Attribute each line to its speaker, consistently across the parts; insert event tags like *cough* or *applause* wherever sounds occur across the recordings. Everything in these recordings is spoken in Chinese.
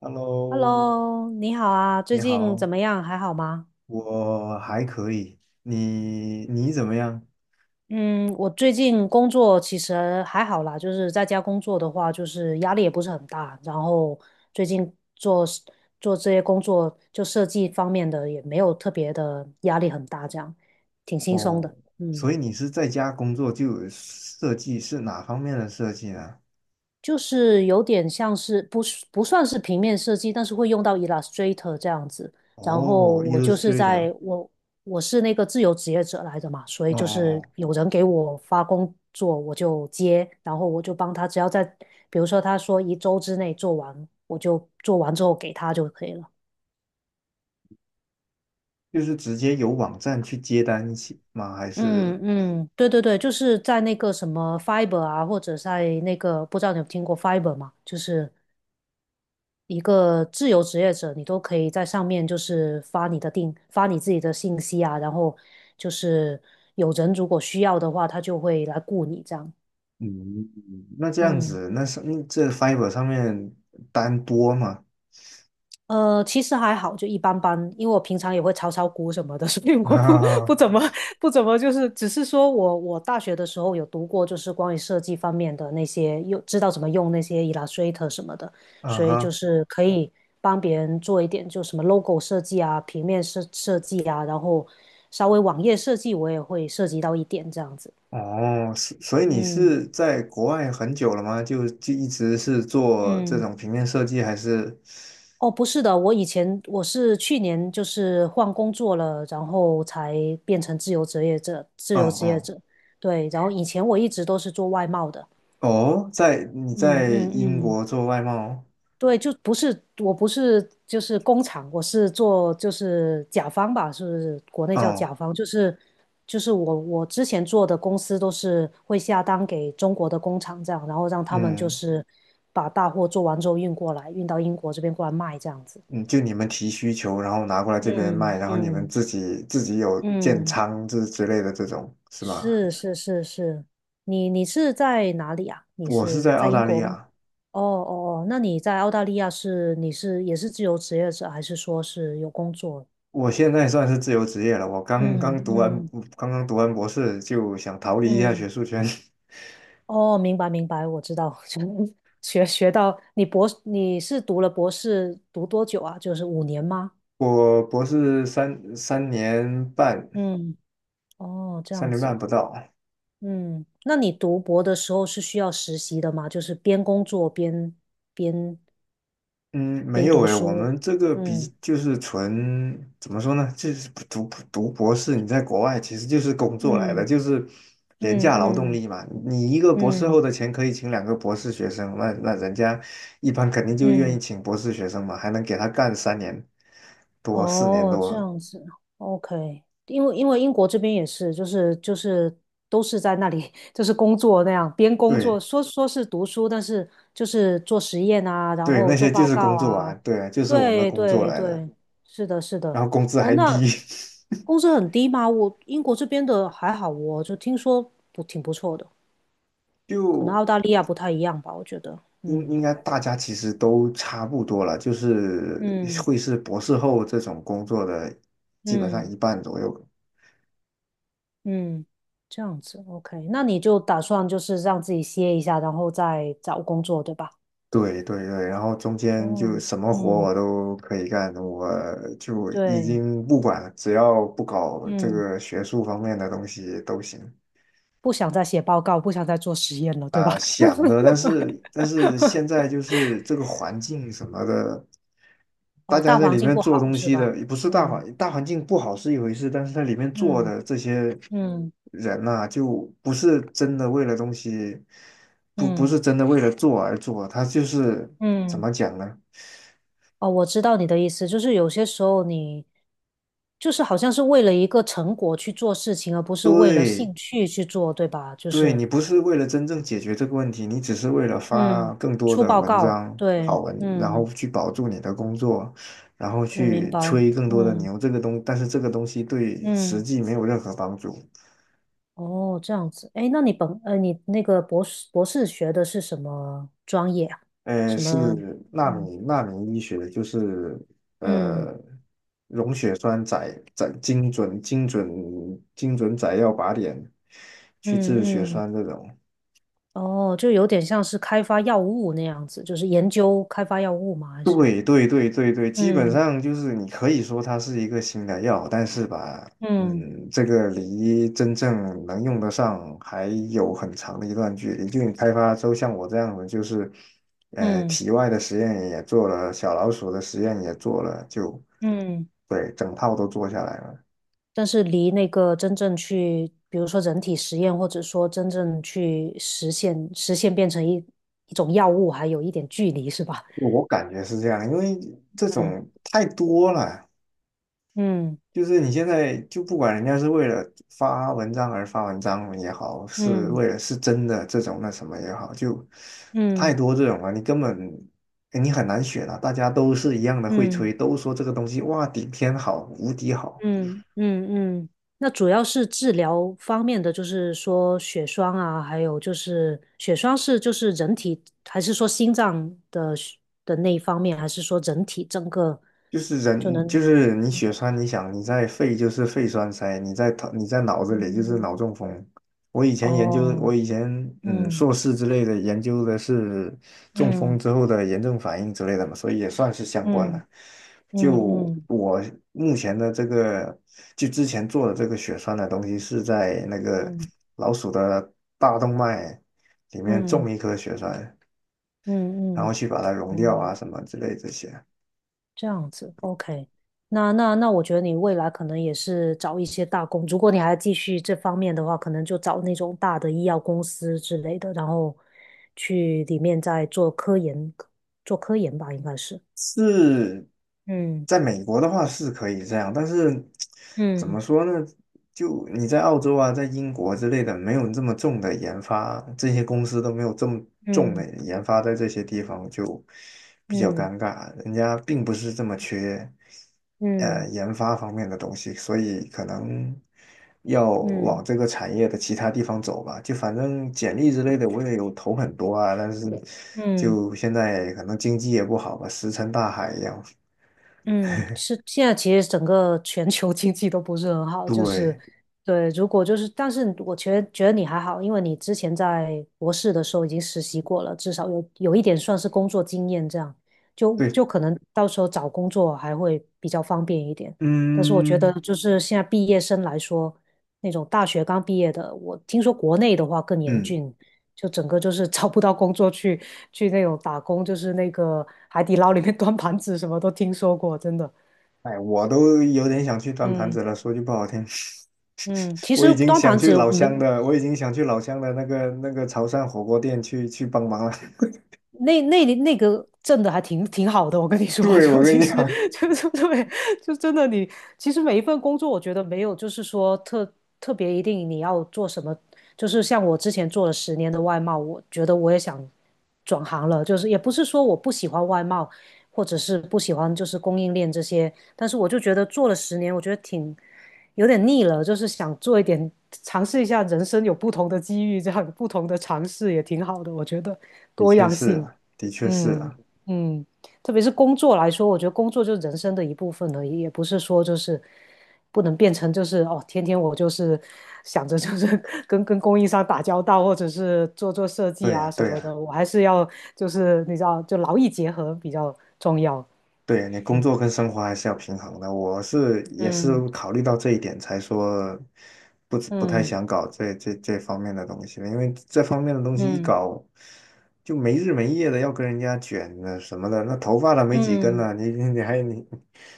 Speaker 1: Hello，
Speaker 2: Hello，你好啊，最
Speaker 1: 你
Speaker 2: 近
Speaker 1: 好，
Speaker 2: 怎么样？还好吗？
Speaker 1: 我还可以，你怎么样？
Speaker 2: 嗯，我最近工作其实还好啦，就是在家工作的话，就是压力也不是很大，然后最近做这些工作，就设计方面的也没有特别的压力很大，这样挺轻松
Speaker 1: 哦，
Speaker 2: 的。嗯。
Speaker 1: 所以你是在家工作就有设计，是哪方面的设计呢？
Speaker 2: 就是有点像是不是不算是平面设计，但是会用到 Illustrator 这样子。然后
Speaker 1: 哦
Speaker 2: 我就是
Speaker 1: ，Illustrator，
Speaker 2: 我是那个自由职业者来的嘛，所以
Speaker 1: 哦哦
Speaker 2: 就是
Speaker 1: 哦，
Speaker 2: 有人给我发工作，我就接，然后我就帮他，只要在比如说他说一周之内做完，我就做完之后给他就可以了。
Speaker 1: 就是直接有网站去接单起吗？还是
Speaker 2: 嗯嗯，对对对，就是在那个什么 Fiber 啊，或者在那个不知道你有听过 Fiber 吗？就是。一个自由职业者，你都可以在上面就是发你的定，发你自己的信息啊，然后就是有人如果需要的话，他就会来雇你这样。
Speaker 1: 嗯，那这样
Speaker 2: 嗯。
Speaker 1: 子，那上这 Fiverr 上面单多吗？
Speaker 2: 其实还好，就一般般，因为我平常也会炒炒股什么的，所以我不怎么
Speaker 1: *laughs*
Speaker 2: 不怎么就是，只是说我大学的时候有读过，就是关于设计方面的那些，又知道怎么用那些 Illustrator 什么的，
Speaker 1: 啊
Speaker 2: 所以就
Speaker 1: 哈，
Speaker 2: 是可以帮别人做一点，就什么 logo 设计啊、平面设计啊，然后稍微网页设计我也会涉及到一点这样子。
Speaker 1: 哦，所以你
Speaker 2: 嗯
Speaker 1: 是在国外很久了吗？就一直是做这
Speaker 2: 嗯。
Speaker 1: 种平面设计，还是？
Speaker 2: 哦，不是的，我以前是去年就是换工作了，然后才变成自由职业者，自由
Speaker 1: 嗯
Speaker 2: 职业
Speaker 1: 嗯，
Speaker 2: 者。对，然后以前我一直都是做外贸的。
Speaker 1: 哦，在你
Speaker 2: 嗯
Speaker 1: 在
Speaker 2: 嗯
Speaker 1: 英
Speaker 2: 嗯，
Speaker 1: 国做外贸，
Speaker 2: 对，就不是，我不是就是工厂，我是做就是甲方吧，是不是国内叫
Speaker 1: 哦，
Speaker 2: 甲方，就是我之前做的公司都是会下单给中国的工厂这样，然后让他们就
Speaker 1: 嗯
Speaker 2: 是把大货做完之后运过来，运到英国这边过来卖这样子。
Speaker 1: 嗯，就你们提需求，然后拿过来这边卖，
Speaker 2: 嗯
Speaker 1: 然后你们
Speaker 2: 嗯。
Speaker 1: 自己有建
Speaker 2: 嗯，
Speaker 1: 仓之类的这种是吗？还
Speaker 2: 是
Speaker 1: 是
Speaker 2: 是是是，你是在哪里啊？你
Speaker 1: 我是
Speaker 2: 是
Speaker 1: 在
Speaker 2: 在
Speaker 1: 澳
Speaker 2: 英
Speaker 1: 大利
Speaker 2: 国吗？
Speaker 1: 亚，
Speaker 2: 哦哦哦，那你在澳大利亚是你是也是自由职业者，还是说是有工作？
Speaker 1: 我现在算是自由职业了，我刚刚
Speaker 2: 嗯
Speaker 1: 读完
Speaker 2: 嗯
Speaker 1: 刚刚读完博士，就想逃离一下
Speaker 2: 嗯，
Speaker 1: 学术圈。*laughs*
Speaker 2: 哦，明白明白，我知道，*laughs* 就学到你是读了博士读多久啊？就是5年吗？
Speaker 1: 我博士三年半，
Speaker 2: 嗯，哦，这
Speaker 1: 三
Speaker 2: 样
Speaker 1: 年
Speaker 2: 子，
Speaker 1: 半不到。
Speaker 2: 嗯，那你读博的时候是需要实习的吗？就是边工作边
Speaker 1: 嗯，没
Speaker 2: 边
Speaker 1: 有
Speaker 2: 读
Speaker 1: 诶，我
Speaker 2: 书，
Speaker 1: 们这个比
Speaker 2: 嗯
Speaker 1: 就是纯怎么说呢？就是读博士，你在国外其实就是工作来的，
Speaker 2: 嗯
Speaker 1: 就是廉
Speaker 2: 嗯
Speaker 1: 价劳动
Speaker 2: 嗯
Speaker 1: 力嘛。你一个博士后
Speaker 2: 嗯
Speaker 1: 的钱可以请两个博士学生，那人家一般肯定就愿意
Speaker 2: 嗯，
Speaker 1: 请博士学生嘛，还能给他干三年多、四年
Speaker 2: 哦，这
Speaker 1: 多。
Speaker 2: 样子，OK，因为英国这边也是，就是都是在那里就是工作那样，边工作
Speaker 1: 对
Speaker 2: 说是读书，但是就是做实验啊，然
Speaker 1: 对，那
Speaker 2: 后做
Speaker 1: 些就
Speaker 2: 报
Speaker 1: 是
Speaker 2: 告
Speaker 1: 工作啊，
Speaker 2: 啊，
Speaker 1: 对啊，就是我们的
Speaker 2: 对
Speaker 1: 工作
Speaker 2: 对
Speaker 1: 来的，
Speaker 2: 对，是的是的，
Speaker 1: 然后工资
Speaker 2: 哦，
Speaker 1: 还
Speaker 2: 那
Speaker 1: 低。*laughs*
Speaker 2: 工资很低吗？我英国这边的还好哦，我就听说不挺不错的，可能
Speaker 1: 就
Speaker 2: 澳大利亚不太一样吧，我觉得，
Speaker 1: 应
Speaker 2: 嗯。
Speaker 1: 应该大家其实都差不多了，就是
Speaker 2: 嗯
Speaker 1: 会是博士后这种工作的，基本上
Speaker 2: 嗯
Speaker 1: 一半左右。
Speaker 2: 嗯，这样子，OK，那你就打算就是让自己歇一下，然后再找工作，对吧？
Speaker 1: 对对对，然后中间就
Speaker 2: 哦，
Speaker 1: 什么活
Speaker 2: 嗯，
Speaker 1: 我都可以干，我就已
Speaker 2: 对，
Speaker 1: 经不管了，只要不搞这
Speaker 2: 嗯，
Speaker 1: 个学术方面的东西都行。
Speaker 2: 不想再写报告，不想再做实验了，对吧？
Speaker 1: 啊、想的，但
Speaker 2: *laughs*
Speaker 1: 是但是现在就是这个环境什么的，大
Speaker 2: 哦，
Speaker 1: 家
Speaker 2: 大
Speaker 1: 在
Speaker 2: 环
Speaker 1: 里
Speaker 2: 境
Speaker 1: 面
Speaker 2: 不
Speaker 1: 做
Speaker 2: 好
Speaker 1: 东
Speaker 2: 是
Speaker 1: 西
Speaker 2: 吧？
Speaker 1: 的，也不是
Speaker 2: 嗯
Speaker 1: 大环境不好是一回事，但是在里面做
Speaker 2: 嗯
Speaker 1: 的这些
Speaker 2: 嗯
Speaker 1: 人呐、就不是真的为了东西，不不
Speaker 2: 嗯
Speaker 1: 是真的为了做而做，他就是怎
Speaker 2: 嗯，
Speaker 1: 么讲呢？
Speaker 2: 哦，我知道你的意思，就是有些时候你就是好像是为了一个成果去做事情，而不是为了
Speaker 1: 对。
Speaker 2: 兴趣去做，对吧？就
Speaker 1: 对，
Speaker 2: 是，
Speaker 1: 你不是为了真正解决这个问题，你只是为了发
Speaker 2: 嗯，
Speaker 1: 更多
Speaker 2: 出
Speaker 1: 的
Speaker 2: 报
Speaker 1: 文
Speaker 2: 告，
Speaker 1: 章、好
Speaker 2: 对，
Speaker 1: 文，然后
Speaker 2: 嗯，
Speaker 1: 去保住你的工作，然后
Speaker 2: 我明
Speaker 1: 去
Speaker 2: 白，
Speaker 1: 吹更多的
Speaker 2: 嗯
Speaker 1: 牛。这个东，但是这个东西对实
Speaker 2: 嗯，
Speaker 1: 际没有任何帮助。
Speaker 2: 哦，这样子，哎，那你那个博士学的是什么专业啊？
Speaker 1: 呃，
Speaker 2: 什
Speaker 1: 是
Speaker 2: 么？
Speaker 1: 纳
Speaker 2: 嗯
Speaker 1: 米纳米医学，就是
Speaker 2: 嗯
Speaker 1: 呃溶血栓载精准载药靶点去治血
Speaker 2: 嗯嗯，
Speaker 1: 栓这种。
Speaker 2: 哦，就有点像是开发药物那样子，就是研究开发药物吗？还是？
Speaker 1: 对对对对对，基本
Speaker 2: 嗯
Speaker 1: 上就是你可以说它是一个新的药，但是吧，
Speaker 2: 嗯
Speaker 1: 嗯，这个离真正能用得上还有很长的一段距离。就你开发出像我这样的，就是，呃，
Speaker 2: 嗯
Speaker 1: 体外的实验也做了，小老鼠的实验也做了，就，
Speaker 2: 嗯。
Speaker 1: 对，整套都做下来了。
Speaker 2: 但是离那个真正去，比如说人体实验，或者说真正去实现变成一种药物，还有一点距离，是吧？
Speaker 1: 我感觉是这样，因为这
Speaker 2: 嗯
Speaker 1: 种太多了。
Speaker 2: 嗯
Speaker 1: 就是你现在就不管人家是为了发文章而发文章也好，是
Speaker 2: 嗯
Speaker 1: 为了是真的这种那什么也好，就太
Speaker 2: 嗯
Speaker 1: 多这种了，你根本你很难选啊。大家都是一样的会
Speaker 2: 嗯
Speaker 1: 吹，都说这个东西哇顶天好，无敌好，
Speaker 2: 嗯嗯嗯。那主要是治疗方面的，就是说血栓啊，还有就是血栓是就是人体，还是说心脏的血的那一方面，还是说人体整个
Speaker 1: 就是
Speaker 2: 就
Speaker 1: 人，就
Speaker 2: 能？
Speaker 1: 是你血栓，你想你在肺就是肺栓塞，你在头你在脑子里就是脑
Speaker 2: 嗯，
Speaker 1: 中风。我
Speaker 2: 哦，
Speaker 1: 以前
Speaker 2: 嗯
Speaker 1: 硕士之类的研究的是中风
Speaker 2: 嗯。
Speaker 1: 之后的炎症反应之类的嘛，所以也算是相关了。
Speaker 2: 嗯
Speaker 1: 就
Speaker 2: 嗯嗯
Speaker 1: 我目前的这个，就之前做的这个血栓的东西是在那个
Speaker 2: 嗯
Speaker 1: 老鼠的大动脉里面种
Speaker 2: 嗯
Speaker 1: 一颗血栓，然
Speaker 2: 嗯
Speaker 1: 后
Speaker 2: 嗯，
Speaker 1: 去把它溶掉啊
Speaker 2: 嗯
Speaker 1: 什么之类这些。
Speaker 2: 这样子，OK。那，我觉得你未来可能也是找一些大公，如果你还继续这方面的话，可能就找那种大的医药公司之类的，然后去里面再做科研，做科研吧，应该是。
Speaker 1: 是
Speaker 2: 嗯
Speaker 1: 在美国的话是可以这样，但是怎
Speaker 2: 嗯
Speaker 1: 么说呢？就你在澳洲啊，在英国之类的，没有这么重的研发，这些公司都没有这么重的
Speaker 2: 嗯
Speaker 1: 研发在这些地方，就比较
Speaker 2: 嗯
Speaker 1: 尴尬。人家并不是这么缺，
Speaker 2: 嗯
Speaker 1: 呃研发方面的东西，所以可能要
Speaker 2: 嗯
Speaker 1: 往
Speaker 2: 嗯
Speaker 1: 这个产业的其他地方走吧。就反正简历之类的我也有投很多啊，但是
Speaker 2: 嗯。
Speaker 1: 就现在可能经济也不好吧，石沉大海一样。
Speaker 2: 嗯，是现在其实整个全球 *laughs* 经济都不是很好，就是
Speaker 1: 对
Speaker 2: 对，如果就是，但是我觉得你还好，因为你之前在博士的时候已经实习过了，至少有一点算是工作经验，这样就
Speaker 1: 对，
Speaker 2: 就可能到时候找工作还会比较方便一点。但是我觉得
Speaker 1: 嗯
Speaker 2: 就是现在毕业生来说，那种大学刚毕业的，我听说国内的话更严
Speaker 1: 嗯，
Speaker 2: 峻，就整个就是找不到工作去那种打工，就是那个海底捞里面 *laughs* 端盘子，什么都听说过，真的。
Speaker 1: 哎，我都有点想去端盘
Speaker 2: 嗯
Speaker 1: 子了。说句不好听，
Speaker 2: 嗯，
Speaker 1: *laughs*
Speaker 2: 其实端盘子我没
Speaker 1: 我已经想去老乡的那个潮汕火锅店去帮忙了。
Speaker 2: 那个挣的还挺好的，我跟你
Speaker 1: *laughs*
Speaker 2: 说，*laughs*
Speaker 1: 对，我
Speaker 2: 就
Speaker 1: 跟
Speaker 2: 其
Speaker 1: 你
Speaker 2: 实
Speaker 1: 讲，
Speaker 2: 就对，就真的你其实每一份工作，我觉得没有就是说特别一定你要做什么，就是像我之前做了十年的外贸，我觉得我也想转行了，就是也不是说我不喜欢外贸，或者是不喜欢就是供应链这些，但是我就觉得做了十年，我觉得挺有点腻了，就是想做一点尝试一下人生有不同的机遇，这样有不同的尝试也挺好的，我觉得
Speaker 1: 的
Speaker 2: 多
Speaker 1: 确
Speaker 2: 样
Speaker 1: 是
Speaker 2: 性，
Speaker 1: 了，的确是
Speaker 2: 嗯
Speaker 1: 了。
Speaker 2: 嗯，特别是工作来说，我觉得工作就是人生的一部分而已，也不是说就是不能变成就是哦，天天我就是想着就是跟供应商打交道，或者是做做设计
Speaker 1: 对
Speaker 2: 啊
Speaker 1: 呀，
Speaker 2: 什
Speaker 1: 对
Speaker 2: 么的，
Speaker 1: 呀。
Speaker 2: 我还是要就是你知道，就劳逸结合比较重要，
Speaker 1: 对，你工
Speaker 2: 嗯
Speaker 1: 作跟生活还是要平衡的。我是也
Speaker 2: 嗯。
Speaker 1: 是考虑到这一点，才说不太
Speaker 2: 嗯
Speaker 1: 想搞这方面的东西了，因为这方面的东西一
Speaker 2: 嗯
Speaker 1: 搞就没日没夜的要跟人家卷的什么的，那头发都没几根
Speaker 2: 嗯
Speaker 1: 了，你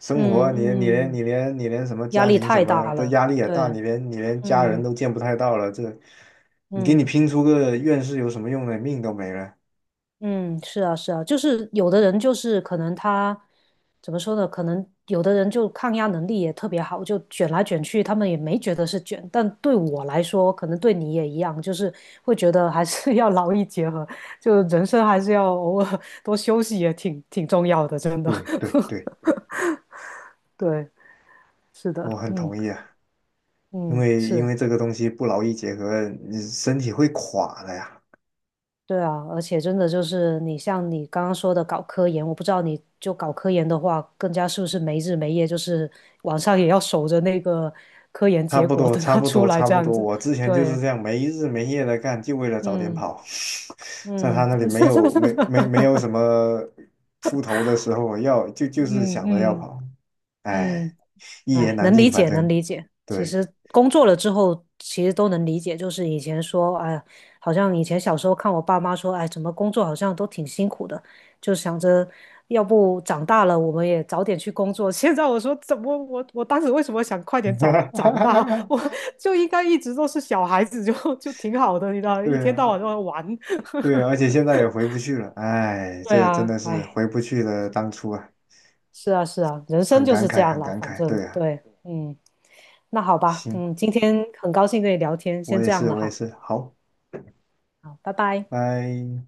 Speaker 1: 生活啊你你
Speaker 2: 嗯
Speaker 1: 连
Speaker 2: 嗯，
Speaker 1: 你连你连什么
Speaker 2: 压
Speaker 1: 家
Speaker 2: 力
Speaker 1: 庭什
Speaker 2: 太
Speaker 1: 么
Speaker 2: 大
Speaker 1: 的
Speaker 2: 了。
Speaker 1: 压力也大，
Speaker 2: 对，
Speaker 1: 你连家人
Speaker 2: 嗯
Speaker 1: 都见不太到了，这你给你
Speaker 2: 嗯
Speaker 1: 拼出个院士有什么用呢？命都没了。
Speaker 2: 嗯，是啊是啊，就是有的人就是可能他怎么说呢？可能有的人就抗压能力也特别好，就卷来卷去，他们也没觉得是卷。但对我来说，可能对你也一样，就是会觉得还是 *laughs* 要劳逸结合，就人生还是要偶尔多休息，也挺重要的，真的。
Speaker 1: 对
Speaker 2: *laughs*
Speaker 1: 对对，
Speaker 2: 对，是的，
Speaker 1: 我很
Speaker 2: 嗯
Speaker 1: 同意啊。因
Speaker 2: 嗯
Speaker 1: 为因
Speaker 2: 是。
Speaker 1: 为这个东西不劳逸结合，你身体会垮的呀。
Speaker 2: 对啊，而且真的就是你像你刚刚说的搞科研，我不知道你就搞科研的话，更加是不是没日没夜，就是晚上也要守着那个科研
Speaker 1: 差
Speaker 2: 结
Speaker 1: 不
Speaker 2: 果
Speaker 1: 多，
Speaker 2: 等
Speaker 1: 差
Speaker 2: 它
Speaker 1: 不
Speaker 2: 出
Speaker 1: 多，
Speaker 2: 来
Speaker 1: 差
Speaker 2: 这
Speaker 1: 不
Speaker 2: 样
Speaker 1: 多。
Speaker 2: 子。
Speaker 1: 我之前就是
Speaker 2: 对，
Speaker 1: 这样没日没夜的干，就为了早点
Speaker 2: 嗯
Speaker 1: 跑。*laughs* 在他
Speaker 2: 嗯
Speaker 1: 那里没有什
Speaker 2: *laughs*
Speaker 1: 么出头的时候，要就是
Speaker 2: 嗯
Speaker 1: 想着要
Speaker 2: 嗯
Speaker 1: 跑。哎，
Speaker 2: 嗯。
Speaker 1: 一言
Speaker 2: 哎，
Speaker 1: 难
Speaker 2: 能理
Speaker 1: 尽，反
Speaker 2: 解，能
Speaker 1: 正
Speaker 2: 理解。其
Speaker 1: 对，
Speaker 2: 实工作了之后，其实都能理解。就是以前说，哎呀，好像以前小时候看我爸妈说，哎，怎么工作好像都挺辛苦的，就想着要不长大了我们也早点去工作。*laughs* 现在我说，怎么我当时为什么想快点早长大？*laughs*
Speaker 1: *laughs*
Speaker 2: 我就应该一直都是小孩子就，*laughs* 就挺好的，你知道，一
Speaker 1: 对
Speaker 2: 天到
Speaker 1: 啊，
Speaker 2: 晚都在玩。*laughs*
Speaker 1: 对啊，而且现在也回不去了。哎，
Speaker 2: 对
Speaker 1: 这个真的
Speaker 2: 啊，
Speaker 1: 是
Speaker 2: 哎，
Speaker 1: 回不去了，当初啊，
Speaker 2: 是啊，是啊，人生
Speaker 1: 很
Speaker 2: 就
Speaker 1: 感
Speaker 2: 是这
Speaker 1: 慨，
Speaker 2: 样
Speaker 1: 很
Speaker 2: 了，
Speaker 1: 感
Speaker 2: 反
Speaker 1: 慨。
Speaker 2: 正
Speaker 1: 对啊，
Speaker 2: 对，嗯。那好吧，
Speaker 1: 行，
Speaker 2: 嗯，今天很高兴跟你聊天，先这样了
Speaker 1: 我也
Speaker 2: 哈，
Speaker 1: 是，好。
Speaker 2: 好，拜拜。
Speaker 1: 拜。